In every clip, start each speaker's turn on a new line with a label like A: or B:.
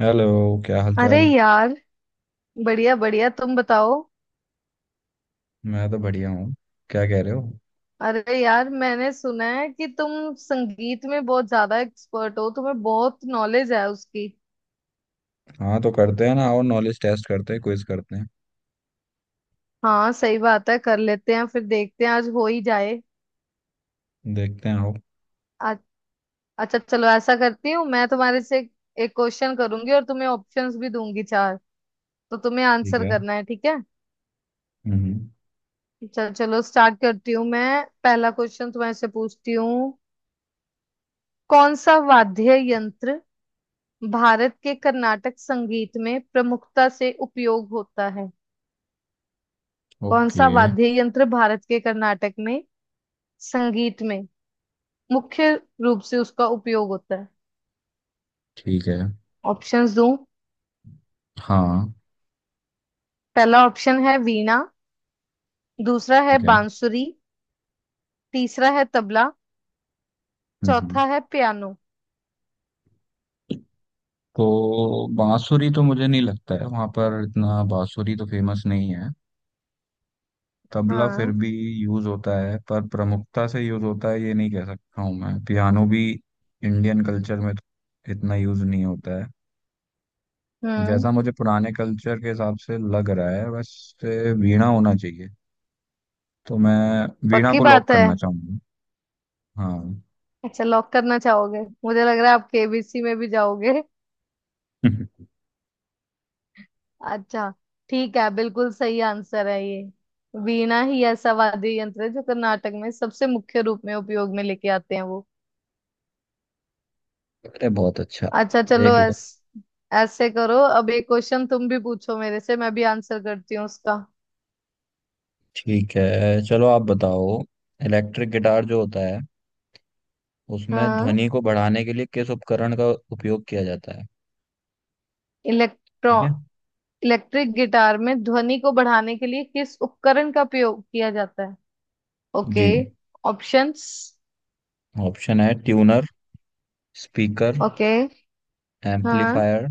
A: Hello. क्या हाल
B: अरे
A: चाल।
B: यार, बढ़िया बढ़िया। तुम बताओ।
A: मैं तो बढ़िया हूँ। क्या कह रहे हो?
B: अरे यार, मैंने सुना है कि तुम संगीत में बहुत ज्यादा एक्सपर्ट हो, तुम्हें बहुत नॉलेज है उसकी।
A: हाँ, तो करते हैं ना। आओ, नॉलेज टेस्ट करते हैं, क्विज करते हैं।
B: हाँ सही बात है, कर लेते हैं, फिर देखते हैं, आज हो ही जाए।
A: देखते हैं, आओ।
B: आ, अच्छा चलो, ऐसा करती हूँ, मैं तुम्हारे से एक क्वेश्चन करूंगी और तुम्हें ऑप्शंस भी दूंगी चार, तो तुम्हें
A: ठीक
B: आंसर
A: है।
B: करना है, ठीक है।
A: हम्म।
B: चल चलो स्टार्ट करती हूँ, मैं पहला क्वेश्चन तुम्हारे से पूछती हूँ। कौन सा वाद्य यंत्र भारत के कर्नाटक संगीत में प्रमुखता से उपयोग होता है। कौन
A: ओके।
B: सा वाद्य यंत्र भारत के कर्नाटक में संगीत में मुख्य रूप से उसका उपयोग होता है।
A: ठीक है।
B: ऑप्शंस दूं?
A: हाँ।
B: पहला ऑप्शन है वीणा, दूसरा है
A: ठीक है।
B: बांसुरी, तीसरा है तबला,
A: हम्म।
B: चौथा है पियानो।
A: तो बांसुरी तो मुझे नहीं लगता है वहाँ पर इतना बांसुरी तो फेमस नहीं है। तबला फिर
B: हाँ।
A: भी यूज होता है, पर प्रमुखता से यूज होता है ये नहीं कह सकता हूँ। मैं पियानो भी इंडियन कल्चर में तो इतना यूज नहीं होता है।
B: हम्म।
A: जैसा मुझे पुराने कल्चर के हिसाब से लग रहा है, वैसे वीणा होना चाहिए। तो मैं वीणा
B: पक्की
A: को लॉक
B: बात है।
A: करना चाहूंगा। हाँ।
B: अच्छा, लॉक करना चाहोगे? मुझे लग रहा है आप केबीसी में भी जाओगे। अच्छा, ठीक है, बिल्कुल सही आंसर है ये। वीणा ही ऐसा वाद्य यंत्र है जो कर्नाटक में सबसे मुख्य रूप में उपयोग में लेके आते हैं वो।
A: अरे बहुत अच्छा,
B: अच्छा चलो,
A: देख लो।
B: ऐस ऐसे करो, अब एक क्वेश्चन तुम भी पूछो मेरे से, मैं भी आंसर करती हूँ उसका।
A: ठीक है, चलो आप बताओ। इलेक्ट्रिक गिटार जो होता है उसमें
B: हाँ।
A: ध्वनि को बढ़ाने के लिए किस उपकरण का उपयोग किया जाता है?
B: इलेक्ट्रॉ
A: ठीक है।
B: इलेक्ट्रिक गिटार में ध्वनि को बढ़ाने के लिए किस उपकरण का प्रयोग किया जाता है।
A: जी।
B: ओके। ऑप्शंस?
A: ऑप्शन है ट्यूनर, स्पीकर,
B: ओके। हाँ
A: एम्पलीफायर,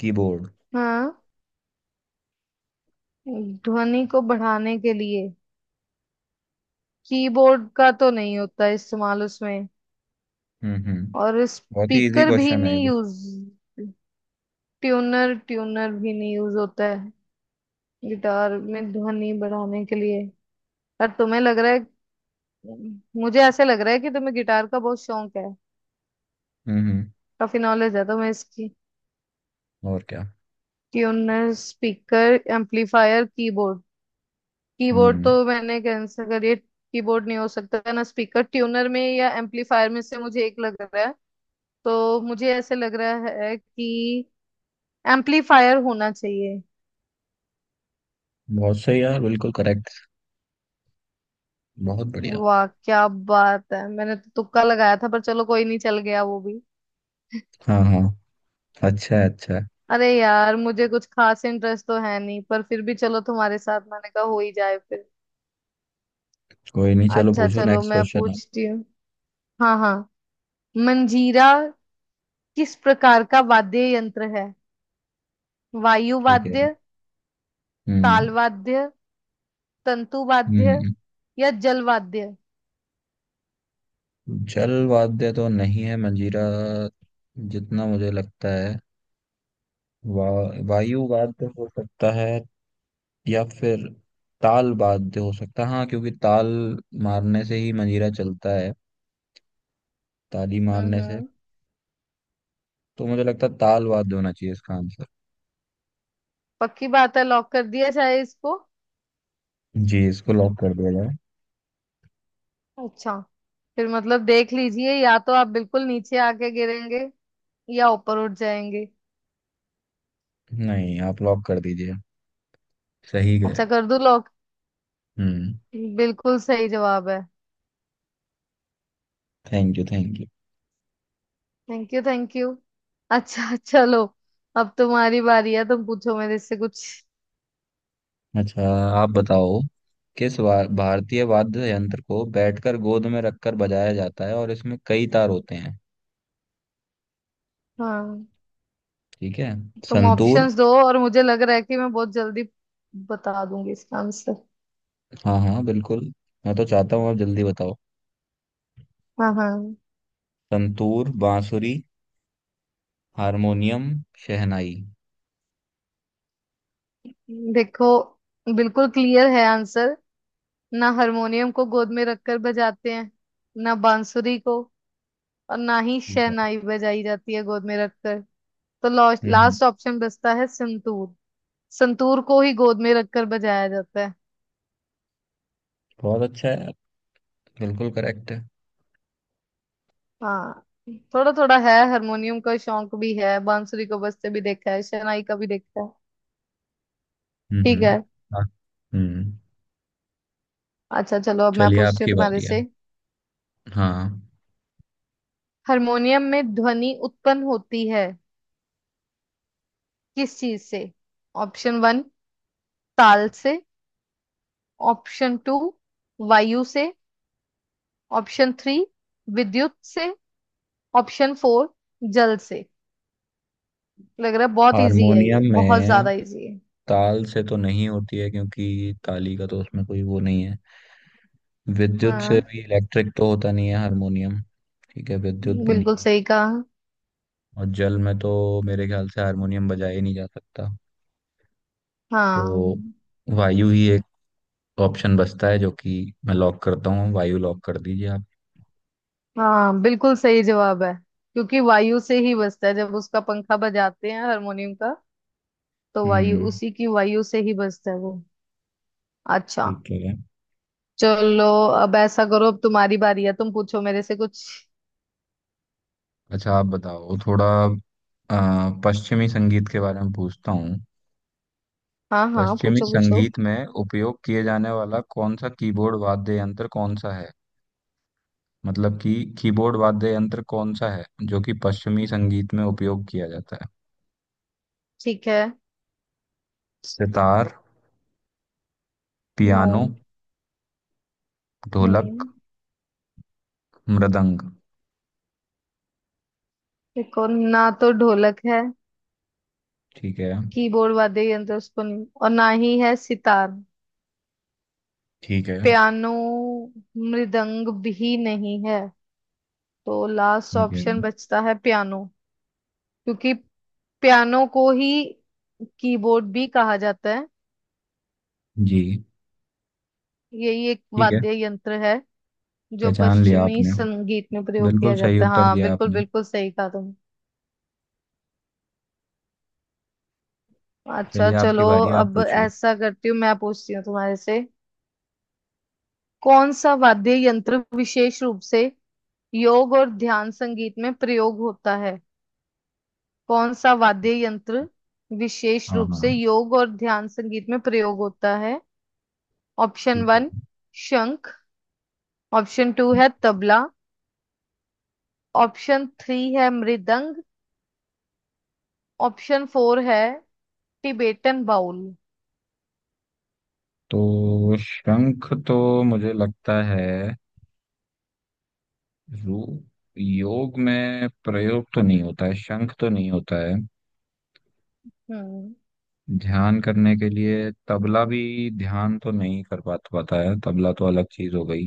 A: कीबोर्ड।
B: हाँ। ध्वनि को बढ़ाने के लिए कीबोर्ड का तो नहीं होता इस्तेमाल उसमें,
A: हम्म।
B: और
A: बहुत ही इजी
B: स्पीकर भी
A: क्वेश्चन है ये
B: नहीं
A: तो।
B: यूज। ट्यूनर ट्यूनर भी नहीं यूज होता है गिटार में ध्वनि बढ़ाने के लिए। पर तुम्हें लग रहा है, मुझे ऐसे लग रहा है कि तुम्हें गिटार का बहुत शौक है,
A: हम्म।
B: काफी नॉलेज है तुम्हें इसकी।
A: और क्या।
B: Tuner, speaker, amplifier, keyboard. Keyboard
A: हम्म।
B: तो मैंने कैंसिल करिए, कीबोर्ड नहीं हो सकता है ना। स्पीकर, ट्यूनर में या एम्पलीफायर में से मुझे एक लग रहा है। तो मुझे ऐसे लग रहा है कि एम्पलीफायर होना चाहिए।
A: बहुत सही यार, बिल्कुल करेक्ट। बहुत बढ़िया।
B: वाह क्या बात है, मैंने तो तुक्का लगाया था, पर चलो कोई नहीं, चल गया वो भी।
A: हाँ हाँ। अच्छा है, अच्छा है।
B: अरे यार, मुझे कुछ खास इंटरेस्ट तो है नहीं, पर फिर भी चलो, तुम्हारे साथ मैंने कहा हो ही जाए फिर।
A: कोई नहीं, चलो
B: अच्छा
A: पूछो
B: चलो,
A: नेक्स्ट
B: मैं
A: क्वेश्चन आप।
B: पूछती हूँ। हाँ हाँ। मंजीरा किस प्रकार का वाद्य यंत्र है? वायु
A: ठीक है।
B: वाद्य,
A: हम्म
B: ताल वाद्य, तंतु वाद्य,
A: हम्म।
B: या जल वाद्य?
A: जल वाद्य तो नहीं है मंजीरा, जितना मुझे लगता है। वा, वायु वाद्य हो सकता है, या फिर ताल वाद्य हो सकता है। हाँ, क्योंकि ताल मारने से ही मंजीरा चलता है, ताली मारने से।
B: हम्म।
A: तो मुझे लगता है ताल वाद्य होना चाहिए इसका आंसर।
B: पक्की बात है, लॉक कर दिया जाए इसको?
A: जी, इसको लॉक कर दिया जाए।
B: अच्छा, फिर मतलब देख लीजिए, या तो आप बिल्कुल नीचे आके गिरेंगे, या ऊपर उठ जाएंगे।
A: नहीं, आप लॉक कर दीजिए। सही
B: अच्छा,
A: गए।
B: कर दूं लॉक?
A: हम्म।
B: बिल्कुल सही जवाब है।
A: Thank you thank you.
B: Thank you thank you. अच्छा चलो, अब तुम्हारी बारी है, तुम पूछो मेरे से कुछ।
A: अच्छा, आप बताओ। किस भारतीय वाद्य यंत्र को बैठकर गोद में रखकर बजाया जाता है, और इसमें कई तार होते हैं?
B: हाँ।
A: ठीक है।
B: तुम
A: संतूर।
B: ऑप्शंस दो, और मुझे लग रहा है कि मैं बहुत जल्दी बता दूंगी इसका आंसर।
A: हाँ हाँ बिल्कुल। मैं तो चाहता हूँ आप जल्दी बताओ।
B: हाँ हाँ।
A: संतूर, बांसुरी, हारमोनियम, शहनाई।
B: देखो, बिल्कुल क्लियर है आंसर। ना हारमोनियम को गोद में रखकर बजाते हैं, ना बांसुरी को, और ना ही
A: ठीक है।
B: शहनाई बजाई जाती है गोद में रखकर। तो
A: हम्म।
B: लास्ट ऑप्शन बचता है संतूर। संतूर को ही गोद में रखकर बजाया जाता है।
A: बहुत अच्छा है, बिल्कुल करेक्ट है।
B: हाँ, थोड़ा थोड़ा है, हारमोनियम का शौक भी है, बांसुरी को बजते भी देखा है, शहनाई का भी देखा है। ठीक
A: हम्म।
B: है।
A: हाँ। हम्म।
B: अच्छा चलो, अब मैं
A: चलिए
B: पूछती हूँ
A: आपकी
B: तुम्हारे
A: बारी है।
B: से।
A: हाँ।
B: हारमोनियम में ध्वनि उत्पन्न होती है किस चीज से? ऑप्शन वन, ताल से। ऑप्शन टू, वायु से। ऑप्शन थ्री, विद्युत से। ऑप्शन फोर, जल से। लग रहा है बहुत इजी है ये,
A: हारमोनियम
B: बहुत
A: में
B: ज्यादा इजी है।
A: ताल से तो नहीं होती है, क्योंकि ताली का तो उसमें कोई वो नहीं है। विद्युत से
B: हाँ।
A: भी इलेक्ट्रिक तो होता नहीं है हारमोनियम। ठीक है, विद्युत भी नहीं
B: बिल्कुल
A: है।
B: सही कहा।
A: और जल में तो मेरे ख्याल से हारमोनियम बजाया ही नहीं जा सकता। तो
B: हाँ।
A: वायु ही एक ऑप्शन बचता है, जो कि मैं लॉक करता हूँ। वायु लॉक कर दीजिए आप।
B: हाँ बिल्कुल सही जवाब है, क्योंकि वायु से ही बजता है, जब उसका पंखा बजाते हैं हारमोनियम का, तो वायु,
A: हम्म।
B: उसी की वायु से ही बजता है वो। अच्छा
A: ठीक है।
B: चलो, अब ऐसा करो, अब तुम्हारी बारी है, तुम पूछो मेरे से कुछ।
A: अच्छा, आप बताओ थोड़ा। पश्चिमी संगीत के बारे में पूछता हूँ।
B: हाँ हाँ,
A: पश्चिमी
B: पूछो पूछो।
A: संगीत में उपयोग किए जाने वाला कौन सा कीबोर्ड वाद्य यंत्र कौन सा है? मतलब कि कीबोर्ड वाद्य यंत्र कौन सा है जो कि पश्चिमी संगीत में उपयोग किया जाता है?
B: ठीक है।
A: सितार,
B: नो।
A: पियानो, ढोलक,
B: हम्म।
A: मृदंग।
B: देखो, ना तो ढोलक है
A: ठीक है।
B: कीबोर्ड वाद्य यंत्र, उसको नहीं, और ना ही है सितार,
A: ठीक है।
B: पियानो, मृदंग भी नहीं है। तो लास्ट
A: ठीक है।
B: ऑप्शन बचता है पियानो, क्योंकि पियानो को ही कीबोर्ड भी कहा जाता है।
A: जी।
B: यही एक
A: ठीक है।
B: वाद्य यंत्र है जो
A: पहचान लिया
B: पश्चिमी
A: आपने।
B: संगीत में प्रयोग
A: बिल्कुल
B: किया
A: सही
B: जाता है।
A: उत्तर
B: हाँ
A: दिया
B: बिल्कुल,
A: आपने।
B: बिल्कुल सही कहा तुमने। अच्छा
A: चलिए आपकी
B: चलो,
A: बारी है, आप
B: अब
A: पूछिए।
B: ऐसा करती हूँ, मैं पूछती हूँ तुम्हारे से। कौन सा वाद्य यंत्र विशेष रूप से योग और ध्यान संगीत में प्रयोग होता है? कौन सा वाद्य यंत्र विशेष
A: हाँ
B: रूप
A: हाँ।
B: से योग और ध्यान संगीत में प्रयोग होता है? ऑप्शन
A: ठीक है।
B: वन, शंख। ऑप्शन टू है तबला। ऑप्शन थ्री है मृदंग। ऑप्शन फोर है टिबेटन बाउल।
A: तो शंख तो मुझे लगता है रू योग में प्रयोग तो नहीं होता है, शंख तो नहीं होता है।
B: हम्म
A: ध्यान करने के लिए तबला भी ध्यान तो नहीं कर पाता पाता है, तबला तो अलग चीज हो गई।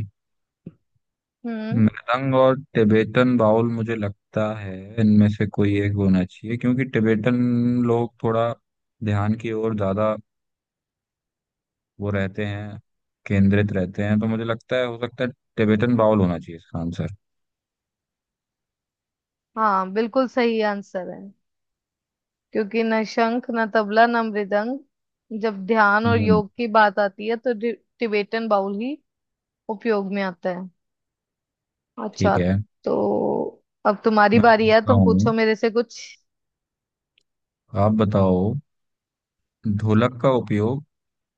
B: हम्म।
A: मृदंग और टिबेटन बाउल, मुझे लगता है इनमें से कोई एक होना चाहिए, क्योंकि टिबेटन लोग थोड़ा ध्यान की ओर ज्यादा वो रहते हैं, केंद्रित रहते हैं। तो मुझे लगता है हो सकता है टिबेटन बाउल होना चाहिए इसका आंसर।
B: हाँ बिल्कुल सही आंसर है, क्योंकि न शंख, न तबला, न मृदंग, जब ध्यान और
A: हम्म।
B: योग की बात आती है तो टिबेटन बाउल ही उपयोग में आता है।
A: ठीक
B: अच्छा,
A: है।
B: तो अब तुम्हारी
A: मैं
B: बारी है,
A: पूछता
B: तुम
A: हूँ,
B: पूछो मेरे से कुछ।
A: आप बताओ। ढोलक का उपयोग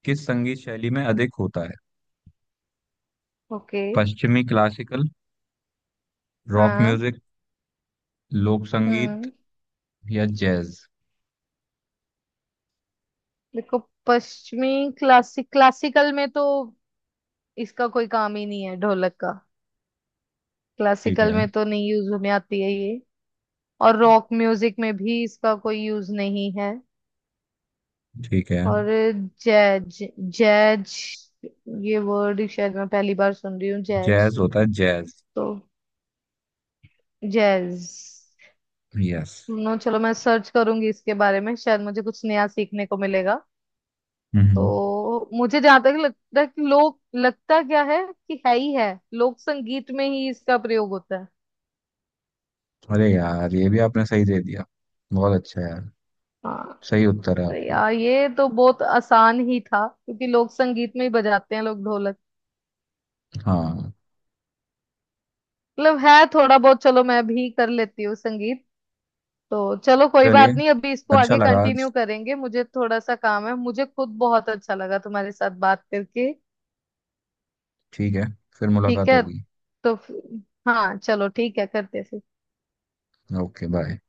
A: किस संगीत शैली में अधिक होता है?
B: ओके।
A: पश्चिमी क्लासिकल, रॉक
B: हाँ।
A: म्यूजिक, लोक संगीत,
B: हम्म।
A: या जैज?
B: देखो, पश्चिमी क्लासिकल में तो इसका कोई काम ही नहीं है ढोलक का,
A: ठीक
B: क्लासिकल
A: है।
B: में तो नहीं यूज में आती है ये। और रॉक म्यूजिक में भी इसका कोई यूज नहीं है।
A: ठीक है।
B: और जैज, जैज, ये वर्ड शायद मैं पहली बार सुन रही हूँ, जैज,
A: जैज होता है जैज।
B: तो जैज,
A: यस।
B: सुनो चलो मैं सर्च करूंगी इसके बारे में, शायद मुझे कुछ नया सीखने को मिलेगा।
A: हम्म।
B: तो मुझे जहां तक लगता है कि लोग, लगता क्या है कि है ही है, लोक संगीत में ही इसका प्रयोग होता है।
A: अरे यार, ये भी आपने सही दे दिया। बहुत अच्छा है यार।
B: हाँ।
A: सही उत्तर है
B: तो
A: आपका।
B: यार, ये तो बहुत आसान ही था, क्योंकि लोक संगीत में ही बजाते हैं लोग ढोलक।
A: हाँ।
B: मतलब है थोड़ा बहुत, चलो मैं भी कर लेती हूँ संगीत। तो चलो कोई
A: चलिए,
B: बात नहीं, अभी इसको
A: अच्छा
B: आगे
A: लगा आज।
B: कंटिन्यू करेंगे, मुझे थोड़ा सा काम है, मुझे खुद बहुत अच्छा लगा तुम्हारे साथ बात करके।
A: ठीक है, फिर
B: ठीक
A: मुलाकात
B: है,
A: होगी।
B: तो फ- हाँ चलो ठीक है, करते हैं फिर।
A: Okay, bye.